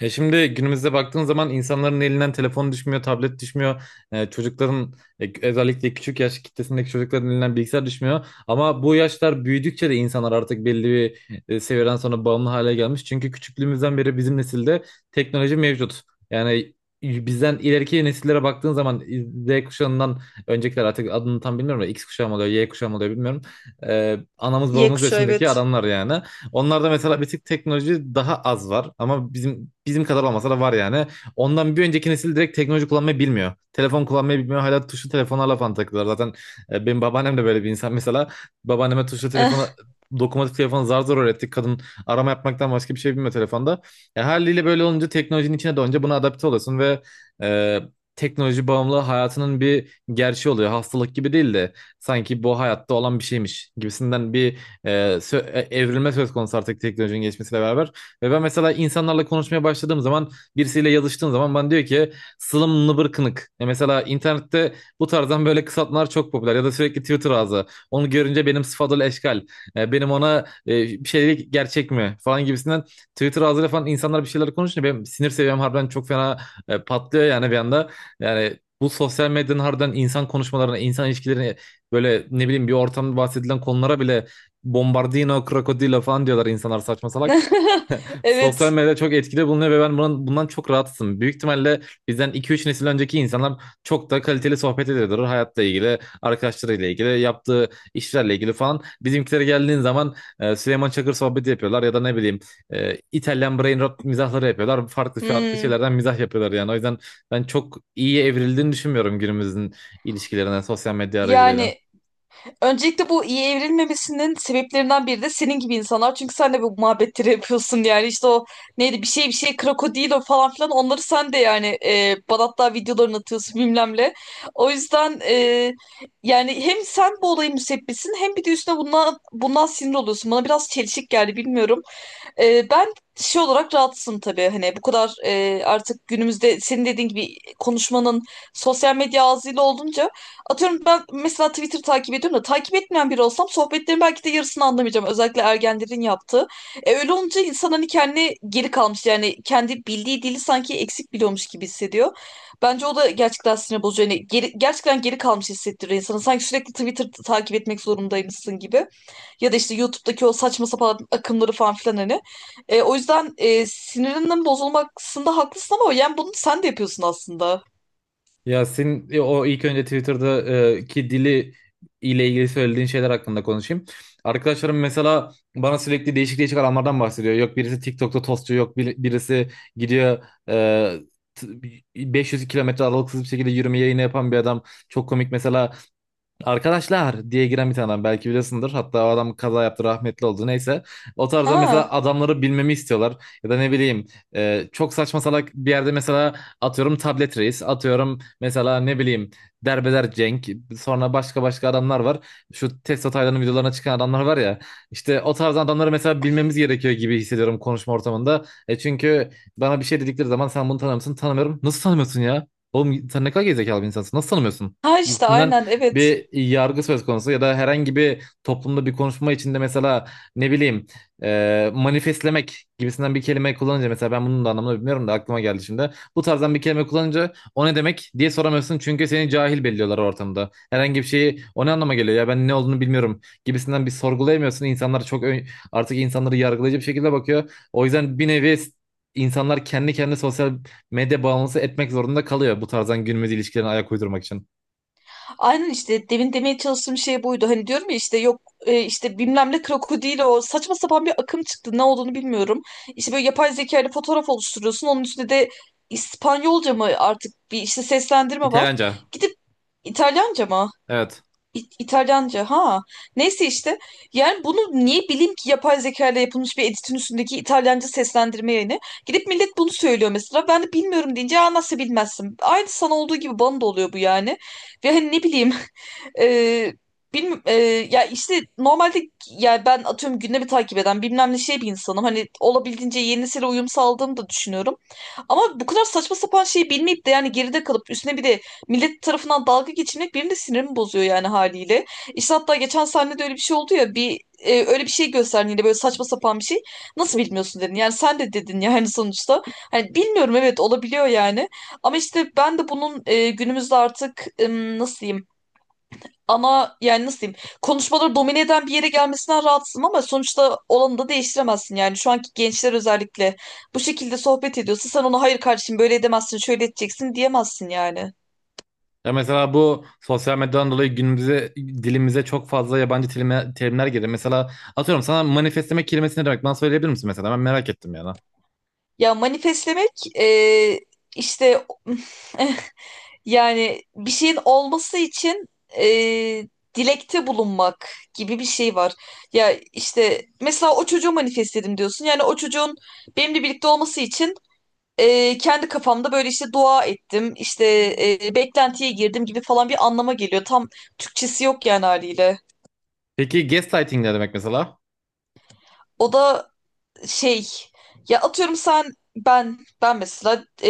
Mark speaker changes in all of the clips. Speaker 1: Ya şimdi günümüzde baktığın zaman insanların elinden telefon düşmüyor, tablet düşmüyor. Çocukların özellikle küçük yaş kitlesindeki çocukların elinden bilgisayar düşmüyor. Ama bu yaşlar büyüdükçe de insanlar artık belli bir seviyeden sonra bağımlı hale gelmiş. Çünkü küçüklüğümüzden beri bizim nesilde teknoloji mevcut. Yani bizden ileriki nesillere baktığın zaman Z kuşağından öncekiler artık adını tam bilmiyorum da X kuşağı mı oluyor, Y kuşağı mı oluyor bilmiyorum. Anamız
Speaker 2: Y
Speaker 1: babamız
Speaker 2: kuşağı,
Speaker 1: yaşındaki
Speaker 2: evet.
Speaker 1: adamlar yani. Onlarda mesela bir tık teknoloji daha az var ama bizim kadar olmasa da var yani. Ondan bir önceki nesil direkt teknoloji kullanmayı bilmiyor. Telefon kullanmayı bilmiyor. Hala tuşlu telefonlarla falan takılıyorlar. Zaten benim babaannem de böyle bir insan mesela. Babaanneme tuşlu telefonu dokunmatik telefonu zar zor öğrettik. Kadın arama yapmaktan başka bir şey bilmiyor telefonda. Haliyle böyle olunca teknolojinin içine doğunca buna adapte oluyorsun ve e, teknoloji bağımlılığı hayatının bir gerçeği oluyor. Hastalık gibi değil de sanki bu hayatta olan bir şeymiş gibisinden bir e, evrilme söz konusu artık teknolojinin geçmesiyle beraber. Ve ben mesela insanlarla konuşmaya başladığım zaman birisiyle yazıştığım zaman bana diyor ki slım nıbır kınık. E mesela internette bu tarzdan böyle kısaltmalar çok popüler ya da sürekli Twitter ağzı. Onu görünce benim sıfadıl eşkal. Benim ona bir şey gerçek mi falan gibisinden Twitter ağzıyla falan insanlar bir şeyler konuşunca benim sinir seviyem harbiden çok fena patlıyor yani bir anda. Yani bu sosyal medyanın harbiden insan konuşmalarına, insan ilişkilerine böyle ne bileyim bir ortamda bahsedilen konulara bile Bombardino, Krokodilo falan diyorlar insanlar saçma salak. Sosyal
Speaker 2: Evet.
Speaker 1: medyada çok etkili bulunuyor ve ben bunun, bundan çok rahatsızım. Büyük ihtimalle bizden 2-3 nesil önceki insanlar çok da kaliteli sohbet ediyordur. Hayatla ilgili, arkadaşlarıyla ilgili, yaptığı işlerle ilgili falan. Bizimkilere geldiğin zaman Süleyman Çakır sohbeti yapıyorlar ya da ne bileyim İtalyan brain rot mizahları yapıyorlar. Farklı farklı
Speaker 2: Hmm.
Speaker 1: şeylerden mizah yapıyorlar yani. O yüzden ben çok iyi evrildiğini düşünmüyorum günümüzün ilişkilerine sosyal medya aracılığıyla.
Speaker 2: Yani Öncelikle bu iyi evrilmemesinin sebeplerinden biri de senin gibi insanlar. Çünkü sen de bu muhabbetleri yapıyorsun, yani işte o neydi, bir şey krokodilo falan filan, onları sen de, bana hatta videolarını atıyorsun bilmem ne. O yüzden, yani hem sen bu olayın müsebbisin, hem bir de üstüne bundan sinir oluyorsun. Bana biraz çelişik geldi, bilmiyorum. Ben şey olarak rahatsızım tabii, hani bu kadar, artık günümüzde senin dediğin gibi konuşmanın sosyal medya ağzıyla olunca, atıyorum ben mesela Twitter takip ediyorum da, takip etmeyen biri olsam sohbetlerin belki de yarısını anlamayacağım, özellikle ergenlerin yaptığı. Öyle olunca insan hani kendi geri kalmış, yani kendi bildiği dili sanki eksik biliyormuş gibi hissediyor. Bence o da gerçekten sinir bozucu. Yani gerçekten geri kalmış hissettiriyor insanı. Sanki sürekli Twitter takip etmek zorundaymışsın gibi. Ya da işte YouTube'daki o saçma sapan akımları falan filan, hani. O yüzden, sinirinin bozulmasında haklısın, ama yani bunu sen de yapıyorsun aslında.
Speaker 1: Yasin o ilk önce Twitter'da ki dili ile ilgili söylediğin şeyler hakkında konuşayım. Arkadaşlarım mesela bana sürekli değişik değişik alanlardan bahsediyor. Yok birisi TikTok'ta tostçu, yok birisi gidiyor e, t- 500 kilometre aralıksız bir şekilde yürüme yayını yapan bir adam. Çok komik mesela arkadaşlar diye giren bir tane adam belki biliyorsundur. Hatta o adam kaza yaptı rahmetli oldu neyse. O tarzda mesela
Speaker 2: Ha.
Speaker 1: adamları bilmemi istiyorlar. Ya da ne bileyim çok saçma salak bir yerde mesela atıyorum tablet reis. Atıyorum mesela ne bileyim derbeder Cenk. Sonra başka başka adamlar var. Şu Testo Taylan'ın videolarına çıkan adamlar var ya. İşte o tarz adamları mesela bilmemiz gerekiyor gibi hissediyorum konuşma ortamında. E çünkü bana bir şey dedikleri zaman sen bunu tanımıyorsun tanımıyorum. Nasıl tanımıyorsun ya? Oğlum sen ne kadar gerizekalı bir insansın. Nasıl tanımıyorsun
Speaker 2: Ha işte,
Speaker 1: gibisinden
Speaker 2: aynen, evet.
Speaker 1: bir yargı söz konusu ya da herhangi bir toplumda bir konuşma içinde mesela ne bileyim manifestlemek gibisinden bir kelime kullanınca mesela ben bunun da anlamını bilmiyorum da aklıma geldi şimdi. Bu tarzdan bir kelime kullanınca o ne demek diye soramıyorsun çünkü seni cahil belliyorlar ortamda. Herhangi bir şeyi o ne anlama geliyor ya ben ne olduğunu bilmiyorum gibisinden bir sorgulayamıyorsun. İnsanlar çok artık insanları yargılayıcı bir şekilde bakıyor. O yüzden bir nevi insanlar kendi kendine sosyal medya bağımlısı etmek zorunda kalıyor bu tarzdan günümüz ilişkilerine ayak uydurmak için.
Speaker 2: Aynen, işte demin demeye çalıştığım şey buydu. Hani diyorum ya, işte yok, işte bilmem ne krokodil, o saçma sapan bir akım çıktı. Ne olduğunu bilmiyorum. İşte böyle yapay zeka ile fotoğraf oluşturuyorsun. Onun üstüne de İspanyolca mı artık, bir işte seslendirme var.
Speaker 1: İtalyanca.
Speaker 2: Gidip İtalyanca mı?
Speaker 1: Evet.
Speaker 2: İtalyanca ha. Neyse işte. Yani bunu niye bileyim ki, yapay zeka ile yapılmış bir editin üstündeki İtalyanca seslendirme yayını. Gidip millet bunu söylüyor mesela. Ben de bilmiyorum deyince, "Aa, nasıl bilmezsin." Aynı sana olduğu gibi bana da oluyor bu yani. Ve hani, ne bileyim. E, bilmi- e, Ya işte normalde, ya ben atıyorum gündemi takip eden, bilmem ne şey, bir insanım. Hani olabildiğince yenisiyle uyum sağladığımı da düşünüyorum. Ama bu kadar saçma sapan şeyi bilmeyip de, yani geride kalıp üstüne bir de millet tarafından dalga geçilmek benim de sinirimi bozuyor yani, haliyle. İşte hatta geçen sahnede öyle bir şey oldu ya, öyle bir şey gösterdin, yine böyle saçma sapan bir şey. Nasıl bilmiyorsun dedin. Yani sen de dedin yani, sonuçta. Hani bilmiyorum, evet, olabiliyor yani. Ama işte ben de bunun, günümüzde artık, nasıl diyeyim, yani nasıl diyeyim, konuşmaları domine eden bir yere gelmesinden rahatsızım, ama sonuçta olanı da değiştiremezsin yani. Şu anki gençler özellikle bu şekilde sohbet ediyorsa, sen ona "hayır kardeşim, böyle edemezsin, şöyle edeceksin" diyemezsin yani.
Speaker 1: Ya mesela bu sosyal medyadan dolayı günümüze dilimize çok fazla yabancı terimler girdi. Mesela atıyorum sana manifestlemek kelimesi ne demek? Bana söyleyebilir misin mesela? Ben merak ettim yani.
Speaker 2: Ya manifestlemek, e, işte, yani bir şeyin olması için, e, dilekte bulunmak gibi bir şey var. Ya işte mesela, "o çocuğu manifestledim" diyorsun. Yani o çocuğun benimle birlikte olması için, kendi kafamda böyle işte dua ettim, işte, beklentiye girdim gibi falan bir anlama geliyor. Tam Türkçesi yok yani, haliyle.
Speaker 1: Peki gaslighting ne demek mesela?
Speaker 2: O da şey, ya atıyorum sen, ben mesela,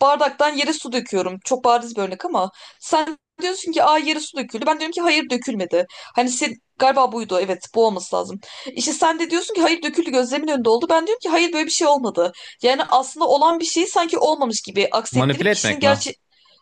Speaker 2: bardaktan yere su döküyorum. Çok bariz bir örnek ama, sen diyorsun ki "aa, yere su döküldü." Ben diyorum ki "hayır, dökülmedi." Hani sen, galiba buydu, evet, bu olması lazım. İşte sen de diyorsun ki "hayır, döküldü, gözlemin önünde oldu." Ben diyorum ki "hayır, böyle bir şey olmadı." Yani aslında olan bir şeyi sanki olmamış gibi
Speaker 1: Manipüle
Speaker 2: aksettirip kişinin
Speaker 1: etmek mi?
Speaker 2: gerçek—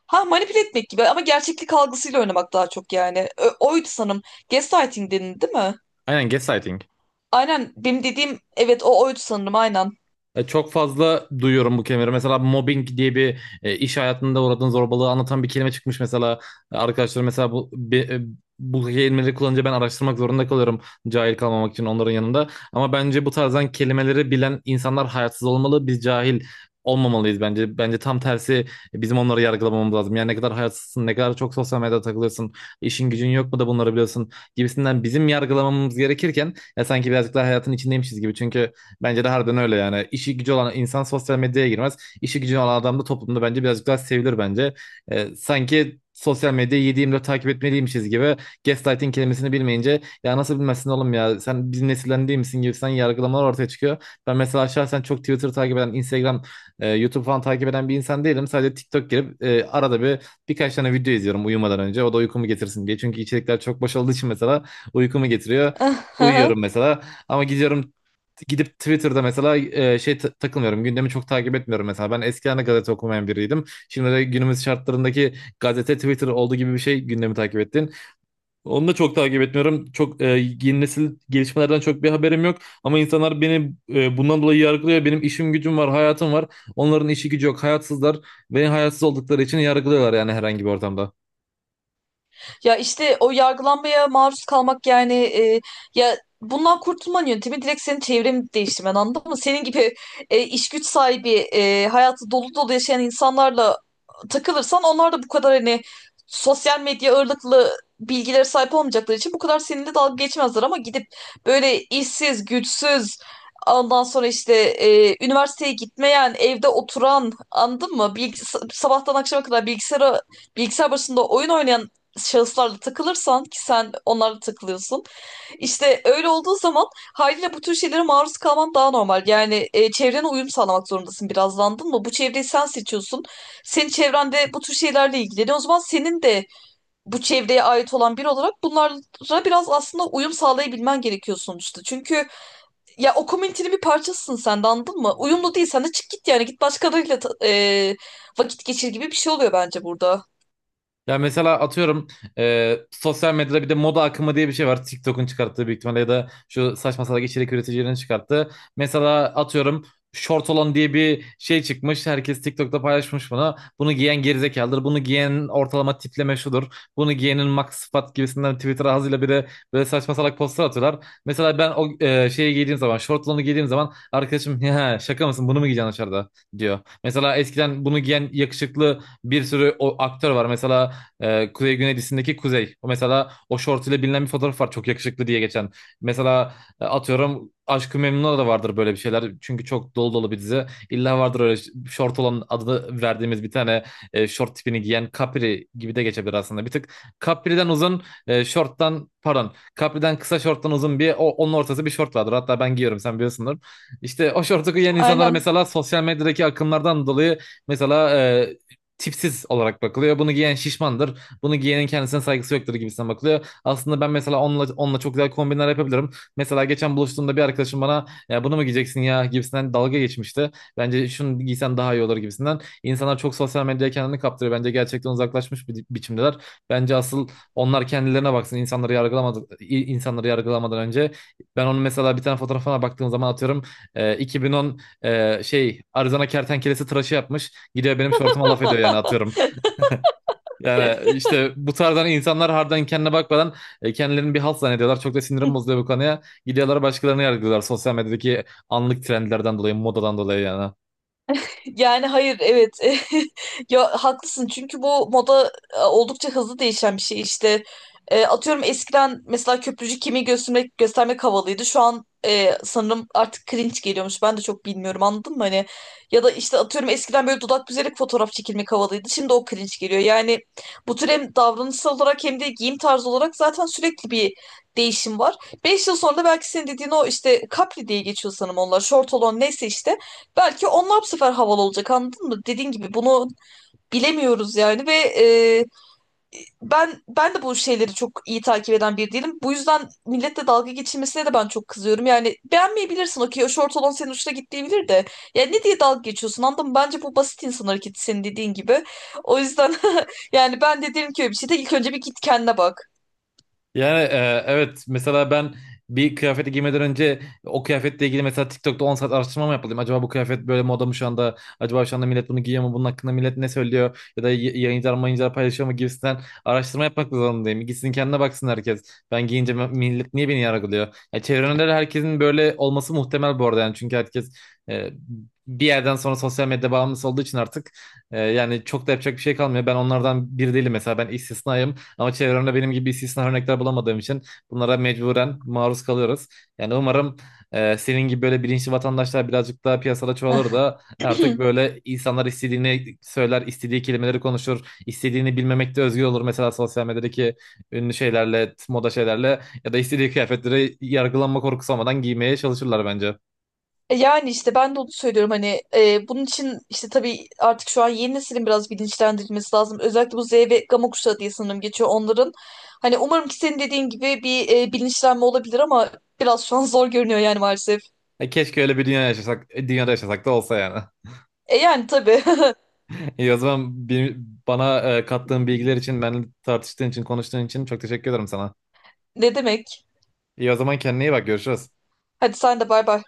Speaker 2: Ha, manipüle etmek gibi ama gerçeklik algısıyla oynamak daha çok yani. Oydu sanırım. Gaslighting denildi değil mi?
Speaker 1: Aynen gaslighting.
Speaker 2: Aynen, benim dediğim evet, o oydu sanırım, aynen.
Speaker 1: Çok fazla duyuyorum bu kelimeleri. Mesela mobbing diye bir iş hayatında uğradığın zorbalığı anlatan bir kelime çıkmış mesela. Arkadaşlar mesela bu kelimeleri kullanınca ben araştırmak zorunda kalıyorum cahil kalmamak için onların yanında. Ama bence bu tarzdan kelimeleri bilen insanlar hayatsız olmalı. Biz cahil olmamalıyız bence. Bence tam tersi bizim onları yargılamamız lazım. Yani ne kadar hayatsızsın, ne kadar çok sosyal medyada takılıyorsun, işin gücün yok mu da bunları biliyorsun gibisinden bizim yargılamamız gerekirken ya sanki birazcık daha hayatın içindeymişiz gibi. Çünkü bence de harbiden öyle yani. İşi gücü olan insan sosyal medyaya girmez. İşi gücü olan adam da toplumda bence birazcık daha sevilir bence. Sanki sosyal medyayı 7/24 takip etmeliymişiz gibi gaslighting kelimesini bilmeyince ya nasıl bilmezsin oğlum ya sen bizim nesilden değil misin gibi sen yargılamalar ortaya çıkıyor. Ben mesela şahsen çok Twitter takip eden, Instagram, YouTube falan takip eden bir insan değilim. Sadece TikTok girip arada bir birkaç tane video izliyorum uyumadan önce. O da uykumu getirsin diye. Çünkü içerikler çok boş olduğu için mesela uykumu getiriyor.
Speaker 2: Aha.
Speaker 1: Uyuyorum mesela ama gidiyorum gidip Twitter'da mesela takılmıyorum. Gündemi çok takip etmiyorum mesela. Ben eskiden de gazete okumayan biriydim. Şimdi de günümüz şartlarındaki gazete Twitter olduğu gibi bir şey gündemi takip ettin. Onu da çok takip etmiyorum. Çok yeni nesil gelişmelerden çok bir haberim yok. Ama insanlar beni bundan dolayı yargılıyor. Benim işim gücüm var, hayatım var. Onların işi gücü yok. Hayatsızlar. Beni hayatsız oldukları için yargılıyorlar yani herhangi bir ortamda.
Speaker 2: Ya işte o yargılanmaya maruz kalmak yani, ya bundan kurtulmanın yöntemi direkt senin çevreni değiştirmen, anladın mı? Senin gibi, iş güç sahibi, hayatı dolu dolu yaşayan insanlarla takılırsan, onlar da bu kadar hani sosyal medya ağırlıklı bilgilere sahip olmayacakları için bu kadar seninle dalga geçmezler. Ama gidip böyle işsiz, güçsüz, ondan sonra işte, üniversiteye gitmeyen, evde oturan, anladın mı, sabahtan akşama kadar bilgisayar başında oyun oynayan şahıslarla takılırsan, ki sen onlarla takılıyorsun. İşte öyle olduğu zaman haliyle bu tür şeylere maruz kalman daha normal. Yani, çevrene uyum sağlamak zorundasın biraz da, anladın mı? Bu çevreyi sen seçiyorsun. Senin çevrende bu tür şeylerle ilgileniyor. O zaman senin de bu çevreye ait olan biri olarak bunlara biraz aslında uyum sağlayabilmen gerekiyor sonuçta. Çünkü ya o komünitenin bir parçasısın sen de, anladın mı? Uyumlu değil sen de, çık git yani, git başkalarıyla vakit geçir gibi bir şey oluyor bence burada.
Speaker 1: Ya mesela atıyorum sosyal medyada bir de moda akımı diye bir şey var. TikTok'un çıkarttığı büyük ihtimalle ya da şu saçma salak içerik üreticilerinin çıkarttığı. Mesela atıyorum short olan diye bir şey çıkmış. Herkes TikTok'ta paylaşmış bunu. Bunu giyen gerizekalıdır. Bunu giyen ortalama tipleme şudur. Bunu giyenin max sıfat gibisinden Twitter ağzıyla bir de böyle saçma salak postlar atıyorlar. Mesela ben o şeyi giydiğim zaman, short olanı giydiğim zaman arkadaşım ya şaka mısın bunu mu giyeceksin dışarıda diyor. Mesela eskiden bunu giyen yakışıklı bir sürü o aktör var. Mesela Kuzey Güneylisindeki Kuzey. O mesela o short ile bilinen bir fotoğraf var çok yakışıklı diye geçen. Mesela atıyorum Aşk-ı Memnu'da da vardır böyle bir şeyler. Çünkü çok dolu dolu bir dizi. İlla vardır öyle şort olan adını verdiğimiz bir tane şort tipini giyen Capri gibi de geçebilir aslında. Bir tık Capri'den uzun e, şorttan pardon Capri'den kısa shorttan uzun bir o, onun ortası bir short vardır. Hatta ben giyiyorum sen biliyorsundur. İşte o şortu giyen insanlara
Speaker 2: Aynen.
Speaker 1: mesela sosyal medyadaki akımlardan dolayı mesela tipsiz olarak bakılıyor. Bunu giyen şişmandır. Bunu giyenin kendisine saygısı yoktur gibisinden bakılıyor. Aslında ben mesela onunla çok güzel kombinler yapabilirim. Mesela geçen buluştuğumda bir arkadaşım bana ya bunu mu giyeceksin ya gibisinden dalga geçmişti. Bence şunu giysen daha iyi olur gibisinden. İnsanlar çok sosyal medyaya kendini kaptırıyor. Bence gerçekten uzaklaşmış bir biçimdeler. Bence asıl onlar kendilerine baksın. İnsanları yargılamadan, insanları yargılamadan önce. Ben onun mesela bir tane fotoğrafına baktığım zaman atıyorum 2010 Arizona kertenkelesi tıraşı yapmış. Gidiyor benim şortuma laf ediyor yani atıyorum. Yani işte bu tarzdan insanlar harbiden kendine bakmadan kendilerini bir halt zannediyorlar. Çok da sinirim bozuluyor bu konuya. Gidiyorlar başkalarını yargılıyorlar sosyal medyadaki anlık trendlerden dolayı, modadan dolayı yani.
Speaker 2: Yani hayır, evet, ya haklısın, çünkü bu moda, oldukça hızlı değişen bir şey işte. Atıyorum eskiden mesela köprücük kemiği göstermek havalıydı, şu an, sanırım artık cringe geliyormuş, ben de çok bilmiyorum, anladın mı, hani. Ya da işte atıyorum eskiden böyle dudak büzerek fotoğraf çekilmek havalıydı, şimdi o cringe geliyor yani. Bu tür hem davranışsal olarak hem de giyim tarzı olarak zaten sürekli bir değişim var. 5 yıl sonra da belki senin dediğin, o işte capri diye geçiyor sanırım, onlar short olan, neyse işte. Belki onlar bu sefer havalı olacak, anladın mı? Dediğin gibi bunu bilemiyoruz yani. Ve, e, ben de bu şeyleri çok iyi takip eden biri değilim. Bu yüzden milletle dalga geçilmesine de ben çok kızıyorum. Yani beğenmeyebilirsin, okey, o şort olan senin hoşuna gitmeyebilir de. Yani ne diye dalga geçiyorsun, anladın mı? Bence bu basit insan hareketi, senin dediğin gibi. O yüzden yani ben de derim ki, öyle bir şeyde ilk önce bir git kendine bak.
Speaker 1: Yani evet mesela ben bir kıyafeti giymeden önce o kıyafetle ilgili mesela TikTok'ta 10 saat araştırma mı yapmalıyım? Acaba bu kıyafet böyle moda mı şu anda? Acaba şu anda millet bunu giyiyor mu? Bunun hakkında millet ne söylüyor? Ya da yayıncılar mayıncılar paylaşıyor mu gibisinden araştırma yapmak zorundayım. Gitsin kendine baksın herkes. Ben giyince millet niye beni yargılıyor? Ya çevremde de herkesin böyle olması muhtemel bu arada yani. Çünkü herkes e, bir yerden sonra sosyal medya bağımlısı olduğu için artık yani çok da yapacak bir şey kalmıyor. Ben onlardan biri değilim mesela ben istisnayım. Ama çevremde benim gibi istisna örnekler bulamadığım için bunlara mecburen maruz kalıyoruz. Yani umarım senin gibi böyle bilinçli vatandaşlar birazcık daha piyasada çoğalır da artık böyle insanlar istediğini söyler, istediği kelimeleri konuşur, istediğini bilmemekte özgür olur. Mesela sosyal medyadaki ünlü şeylerle, moda şeylerle ya da istediği kıyafetleri yargılanma korkusu olmadan giymeye çalışırlar bence.
Speaker 2: Yani işte ben de onu söylüyorum hani, bunun için işte tabii artık şu an yeni neslin biraz bilinçlendirilmesi lazım. Özellikle bu Z ve Gama kuşağı diye sanırım geçiyor onların. Hani umarım ki senin dediğin gibi bir, bilinçlenme olabilir, ama biraz şu an zor görünüyor yani, maalesef.
Speaker 1: Keşke öyle bir dünya yaşasak, dünyada yaşasak da olsa yani.
Speaker 2: E yani tabii.
Speaker 1: İyi o zaman bana kattığın bilgiler için, benimle tartıştığın için, konuştuğun için çok teşekkür ederim sana.
Speaker 2: Ne demek.
Speaker 1: İyi o zaman kendine iyi bak görüşürüz.
Speaker 2: Hadi sen de, bay bay.